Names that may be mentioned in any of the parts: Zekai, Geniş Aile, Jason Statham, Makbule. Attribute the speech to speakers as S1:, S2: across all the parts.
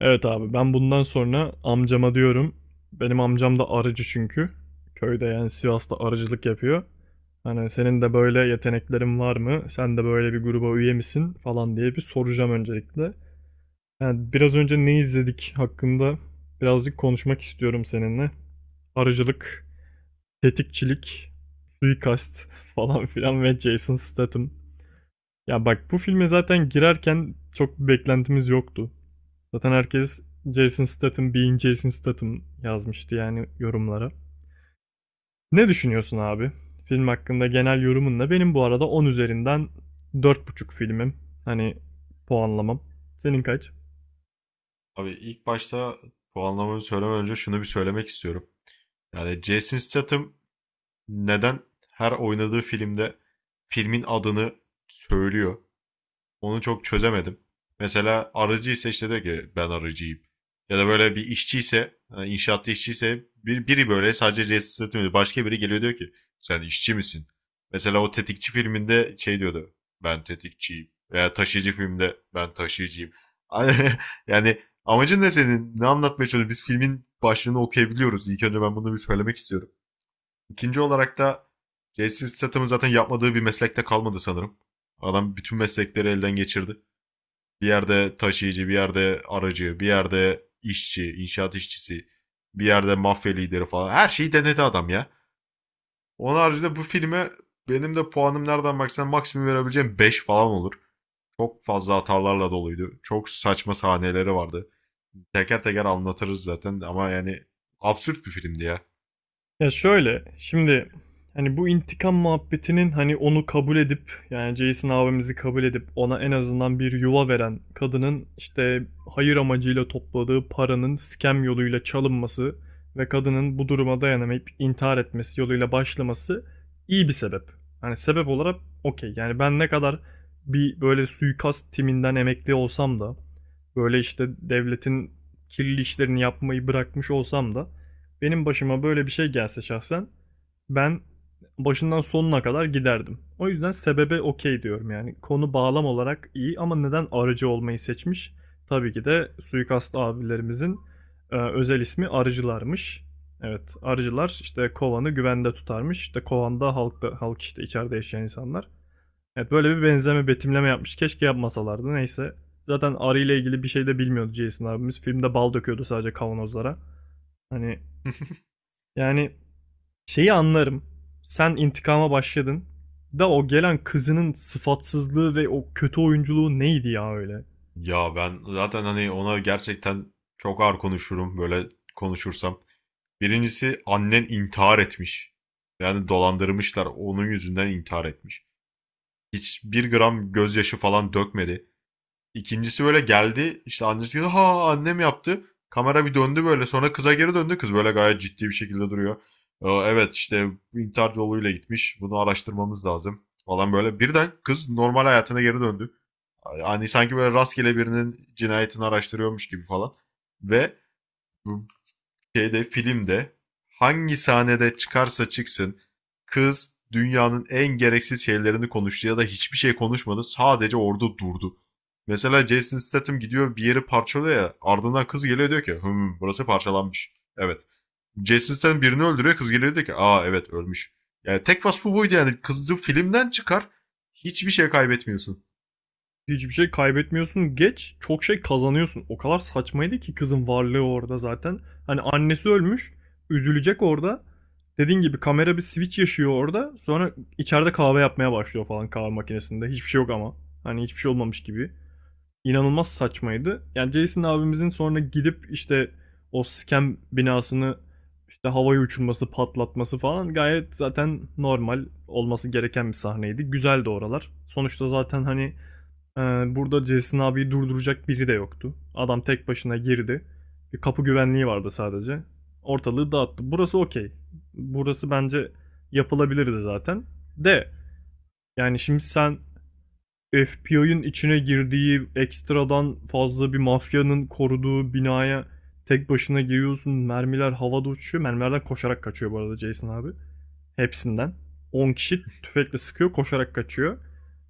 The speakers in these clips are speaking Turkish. S1: Evet abi, ben bundan sonra amcama diyorum. Benim amcam da arıcı çünkü. Köyde, yani Sivas'ta arıcılık yapıyor. Hani senin de böyle yeteneklerin var mı? Sen de böyle bir gruba üye misin falan diye bir soracağım öncelikle. Yani biraz önce ne izledik hakkında birazcık konuşmak istiyorum seninle. Arıcılık, tetikçilik, suikast falan filan ve Jason Statham. Ya bak, bu filme zaten girerken çok bir beklentimiz yoktu. Zaten herkes Jason Statham being Jason Statham yazmıştı yani yorumlara. Ne düşünüyorsun abi? Film hakkında genel yorumunla, benim bu arada 10 üzerinden 4,5 filmim. Hani puanlamam. Senin kaç?
S2: Abi ilk başta puanlamamı söylemeden önce şunu bir söylemek istiyorum. Yani Jason Statham neden her oynadığı filmde filmin adını söylüyor? Onu çok çözemedim. Mesela arıcı ise işte diyor ki ben arıcıyım. Ya da böyle bir işçiyse, yani inşaatta işçiyse biri böyle sadece cesaret ediyor. Başka biri geliyor diyor ki sen işçi misin? Mesela o tetikçi filminde şey diyordu ben tetikçiyim. Veya taşıyıcı filmde ben taşıyıcıyım. Yani amacın ne senin? Ne anlatmaya çalışıyorsun? Biz filmin başlığını okuyabiliyoruz. İlk önce ben bunu bir söylemek istiyorum. İkinci olarak da Jason Statham'ın zaten yapmadığı bir meslekte kalmadı sanırım. Adam bütün meslekleri elden geçirdi. Bir yerde taşıyıcı, bir yerde aracı, bir yerde işçi, inşaat işçisi, bir yerde mafya lideri falan. Her şeyi denedi adam ya. Onun haricinde bu filme benim de puanım nereden baksan maksimum verebileceğim 5 falan olur. Çok fazla hatalarla doluydu. Çok saçma sahneleri vardı. Teker teker anlatırız zaten ama yani absürt bir filmdi ya.
S1: Ya şöyle, şimdi hani bu intikam muhabbetinin, hani onu kabul edip, yani Jason abimizi kabul edip ona en azından bir yuva veren kadının işte hayır amacıyla topladığı paranın scam yoluyla çalınması ve kadının bu duruma dayanamayıp intihar etmesi yoluyla başlaması iyi bir sebep. Hani sebep olarak okey. Yani ben ne kadar bir böyle suikast timinden emekli olsam da, böyle işte devletin kirli işlerini yapmayı bırakmış olsam da, benim başıma böyle bir şey gelse şahsen ben başından sonuna kadar giderdim. O yüzden sebebe okey diyorum yani. Konu bağlam olarak iyi ama neden arıcı olmayı seçmiş? Tabii ki de suikast abilerimizin özel ismi arıcılarmış. Evet, arıcılar işte kovanı güvende tutarmış. İşte kovanda halkta halk, işte içeride yaşayan insanlar. Evet, böyle bir benzeme betimleme yapmış. Keşke yapmasalardı. Neyse. Zaten arı ile ilgili bir şey de bilmiyordu Jason abimiz. Filmde bal döküyordu sadece kavanozlara. Hani yani şeyi anlarım. Sen intikama başladın. Da o gelen kızının sıfatsızlığı ve o kötü oyunculuğu neydi ya öyle?
S2: Ya ben zaten hani ona gerçekten çok ağır konuşurum böyle konuşursam. Birincisi annen intihar etmiş. Yani dolandırmışlar. Onun yüzünden intihar etmiş. Hiçbir gram gözyaşı falan dökmedi. İkincisi böyle geldi. İşte annesi dedi ha annem yaptı. Kamera bir döndü böyle. Sonra kıza geri döndü. Kız böyle gayet ciddi bir şekilde duruyor. "Evet işte intihar yoluyla gitmiş. Bunu araştırmamız lazım falan böyle. Birden kız normal hayatına geri döndü. Yani sanki böyle rastgele birinin cinayetini araştırıyormuş gibi falan. Ve şeyde filmde hangi sahnede çıkarsa çıksın kız dünyanın en gereksiz şeylerini konuştu ya da hiçbir şey konuşmadı sadece orada durdu. Mesela Jason Statham gidiyor bir yeri parçalıyor ya ardından kız geliyor diyor ki hım burası parçalanmış. Evet. Jason Statham birini öldürüyor kız geliyor diyor ki aa evet ölmüş. Yani tek vasfı buydu yani kızcı filmden çıkar hiçbir şey kaybetmiyorsun.
S1: Hiçbir şey kaybetmiyorsun, geç çok şey kazanıyorsun. O kadar saçmaydı ki kızın varlığı orada zaten. Hani annesi ölmüş, üzülecek orada. Dediğin gibi kamera bir switch yaşıyor orada. Sonra içeride kahve yapmaya başlıyor falan, kahve makinesinde. Hiçbir şey yok ama. Hani hiçbir şey olmamış gibi. İnanılmaz saçmaydı. Yani Jason abimizin sonra gidip işte o scam binasını işte havaya uçurması, patlatması falan gayet zaten normal olması gereken bir sahneydi. Güzeldi oralar. Sonuçta zaten hani e, burada Jason abiyi durduracak biri de yoktu. Adam tek başına girdi. Bir kapı güvenliği vardı sadece. Ortalığı dağıttı. Burası okey. Burası bence yapılabilirdi zaten. De yani şimdi sen FBI'ın içine girdiği ekstradan fazla bir mafyanın koruduğu binaya tek başına giriyorsun. Mermiler havada uçuyor. Mermilerden koşarak kaçıyor bu arada Jason abi. Hepsinden. 10 kişi tüfekle sıkıyor, koşarak kaçıyor.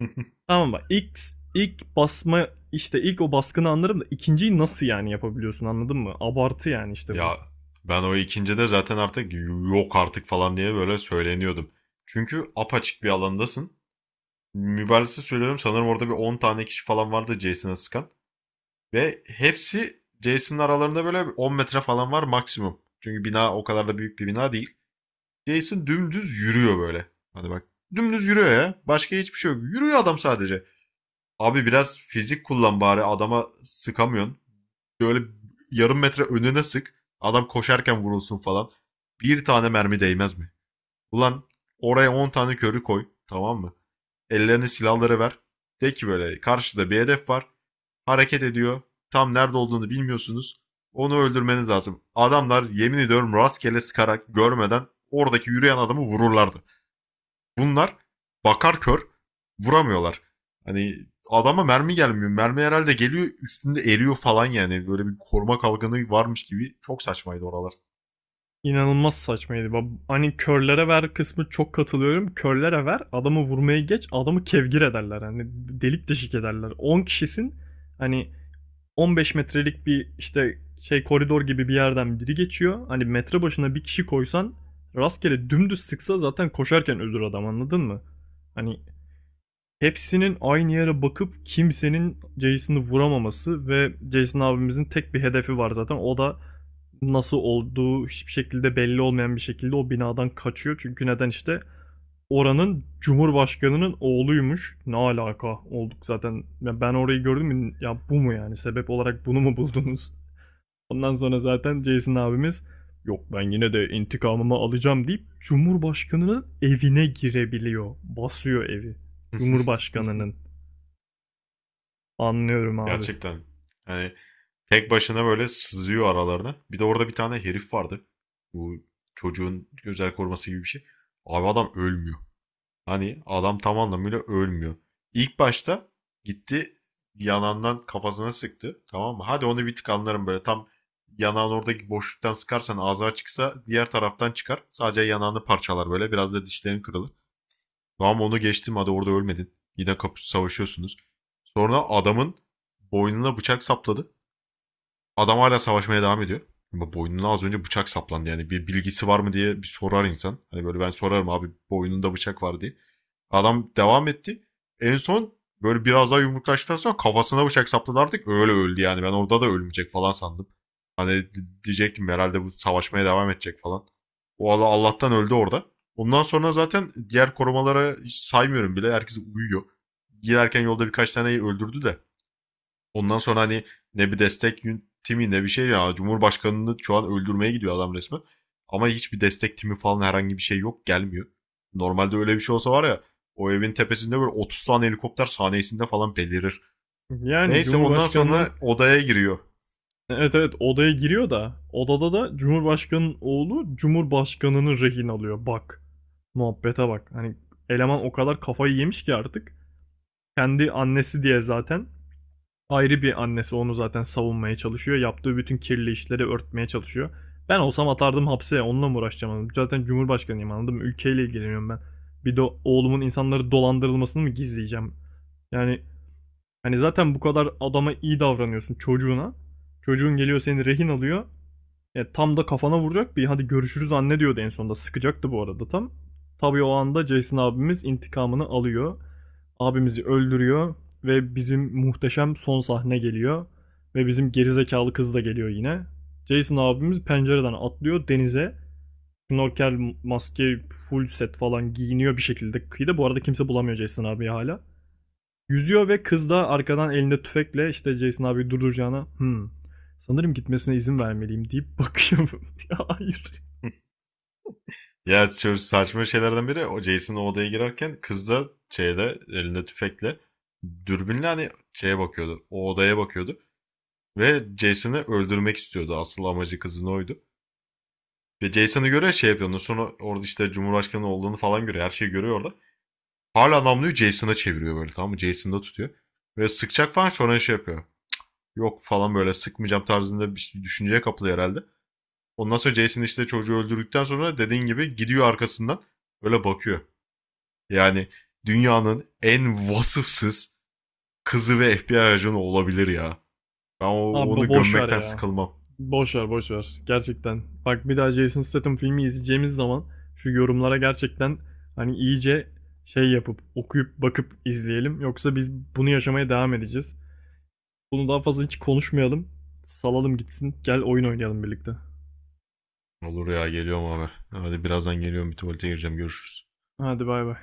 S1: Tamam bak, ilk, ilk basma işte ilk o baskını anlarım da ikinciyi nasıl yani yapabiliyorsun, anladın mı? Abartı yani işte bu.
S2: Ya ben o ikincide zaten artık yok artık falan diye böyle söyleniyordum. Çünkü apaçık bir alandasın. Mübarese söylüyorum sanırım orada bir 10 tane kişi falan vardı Jason'a sıkan. Ve hepsi Jason'ın aralarında böyle 10 metre falan var maksimum. Çünkü bina o kadar da büyük bir bina değil. Jason dümdüz yürüyor böyle. Hadi bak dümdüz yürüyor ya. Başka hiçbir şey yok. Yürüyor adam sadece. Abi biraz fizik kullan bari adama sıkamıyorsun. Böyle yarım metre önüne sık. Adam koşarken vurulsun falan. Bir tane mermi değmez mi? Ulan oraya 10 tane körü koy. Tamam mı? Ellerine silahları ver. De ki böyle karşıda bir hedef var. Hareket ediyor. Tam nerede olduğunu bilmiyorsunuz. Onu öldürmeniz lazım. Adamlar yemin ediyorum rastgele sıkarak görmeden oradaki yürüyen adamı vururlardı bunlar, bakar kör vuramıyorlar. Hani adama mermi gelmiyor. Mermi herhalde geliyor üstünde eriyor falan yani. Böyle bir koruma kalkanı varmış gibi. Çok saçmaydı oralar.
S1: İnanılmaz saçmaydı. Hani körlere ver kısmı, çok katılıyorum. Körlere ver, adamı vurmaya geç, adamı kevgir ederler. Hani delik deşik ederler. 10 kişisin, hani 15 metrelik bir işte şey koridor gibi bir yerden biri geçiyor. Hani metre başına bir kişi koysan, rastgele dümdüz sıksa zaten koşarken ölür adam, anladın mı? Hani hepsinin aynı yere bakıp kimsenin Jason'ı vuramaması ve Jason abimizin tek bir hedefi var zaten. O da nasıl olduğu hiçbir şekilde belli olmayan bir şekilde o binadan kaçıyor. Çünkü neden, işte oranın cumhurbaşkanının oğluymuş. Ne alaka olduk zaten. Ya ben orayı gördüm mü? Ya bu mu yani? Sebep olarak bunu mu buldunuz? Ondan sonra zaten Jason abimiz yok, ben yine de intikamımı alacağım deyip cumhurbaşkanının evine girebiliyor. Basıyor evi. Cumhurbaşkanının. Anlıyorum abi.
S2: Gerçekten. Yani tek başına böyle sızıyor aralarına. Bir de orada bir tane herif vardı. Bu çocuğun özel koruması gibi bir şey. Abi adam ölmüyor. Hani adam tam anlamıyla ölmüyor. İlk başta gitti yanağından kafasına sıktı. Tamam mı? Hadi onu bir tık anlarım böyle. Tam yanağın oradaki boşluktan sıkarsan ağzı açıksa diğer taraftan çıkar. Sadece yanağını parçalar böyle. Biraz da dişlerin kırılır. Tamam onu geçtim hadi orada ölmedin. Yine kapış savaşıyorsunuz. Sonra adamın boynuna bıçak sapladı. Adam hala savaşmaya devam ediyor. Ama boynuna az önce bıçak saplandı. Yani bir bilgisi var mı diye bir sorar insan. Hani böyle ben sorarım abi boynunda bıçak var diye. Adam devam etti. En son böyle biraz daha yumruklaştıktan sonra kafasına bıçak sapladı artık. Öyle öldü yani. Ben orada da ölmeyecek falan sandım. Hani diyecektim herhalde bu savaşmaya devam edecek falan. O Allah'tan öldü orada. Ondan sonra zaten diğer korumalara hiç saymıyorum bile. Herkes uyuyor. Giderken yolda birkaç taneyi öldürdü de. Ondan sonra hani ne bir destek timi ne bir şey ya. Cumhurbaşkanını şu an öldürmeye gidiyor adam resmen. Ama hiçbir destek timi falan herhangi bir şey yok gelmiyor. Normalde öyle bir şey olsa var ya o evin tepesinde böyle 30 tane helikopter saniyesinde falan belirir.
S1: Yani
S2: Neyse ondan sonra
S1: Cumhurbaşkanının,
S2: odaya giriyor.
S1: evet, evet, odaya giriyor da odada da Cumhurbaşkanının oğlu Cumhurbaşkanını rehin alıyor. Bak. Muhabbete bak. Hani eleman o kadar kafayı yemiş ki artık. Kendi annesi diye zaten, ayrı bir annesi onu zaten savunmaya çalışıyor. Yaptığı bütün kirli işleri örtmeye çalışıyor. Ben olsam atardım hapse. Onunla mı uğraşacağım? Zaten Cumhurbaşkanıyım, anladım. Ülkeyle ilgileniyorum ben. Bir de oğlumun insanları dolandırılmasını mı gizleyeceğim? Yani hani zaten bu kadar adama iyi davranıyorsun, çocuğuna. Çocuğun geliyor, seni rehin alıyor. Tam da kafana vuracak bir hadi görüşürüz anne diyordu en sonunda. Sıkacaktı bu arada tam. Tabii o anda Jason abimiz intikamını alıyor. Abimizi öldürüyor ve bizim muhteşem son sahne geliyor. Ve bizim gerizekalı kız da geliyor yine. Jason abimiz pencereden atlıyor denize. Snorkel, maske, full set falan giyiniyor bir şekilde kıyıda. Bu arada kimse bulamıyor Jason abi hala. Yüzüyor ve kız da arkadan elinde tüfekle işte Jason abi durduracağına sanırım gitmesine izin vermeliyim deyip bakıyorum. Ya, hayır.
S2: Ya şöyle saçma şeylerden biri o Jason odaya girerken kız da şeyde elinde tüfekle dürbünle hani şeye bakıyordu. O odaya bakıyordu. Ve Jason'ı öldürmek istiyordu. Asıl amacı kızın oydu. Ve Jason'ı görüyor şey yapıyor. Ondan sonra orada işte Cumhurbaşkanı olduğunu falan görüyor. Her şeyi görüyor orada. Hala namluyu Jason'a çeviriyor böyle, tamam mı? Jason'da tutuyor. Ve sıkacak falan sonra şey yapıyor. Yok falan böyle sıkmayacağım tarzında bir şey, düşünceye kapılıyor herhalde. Ondan sonra Jason işte çocuğu öldürdükten sonra dediğin gibi gidiyor arkasından böyle bakıyor. Yani dünyanın en vasıfsız kızı ve FBI ajanı olabilir ya. Ben
S1: Abi
S2: onu
S1: boş ver
S2: gömmekten
S1: ya.
S2: sıkılmam.
S1: Boş ver, boş ver. Gerçekten. Bak, bir daha Jason Statham filmi izleyeceğimiz zaman şu yorumlara gerçekten hani iyice şey yapıp okuyup bakıp izleyelim. Yoksa biz bunu yaşamaya devam edeceğiz. Bunu daha fazla hiç konuşmayalım. Salalım gitsin. Gel oyun oynayalım birlikte.
S2: Olur ya geliyorum abi. Hadi birazdan geliyorum bir tuvalete gireceğim görüşürüz.
S1: Hadi bay bay.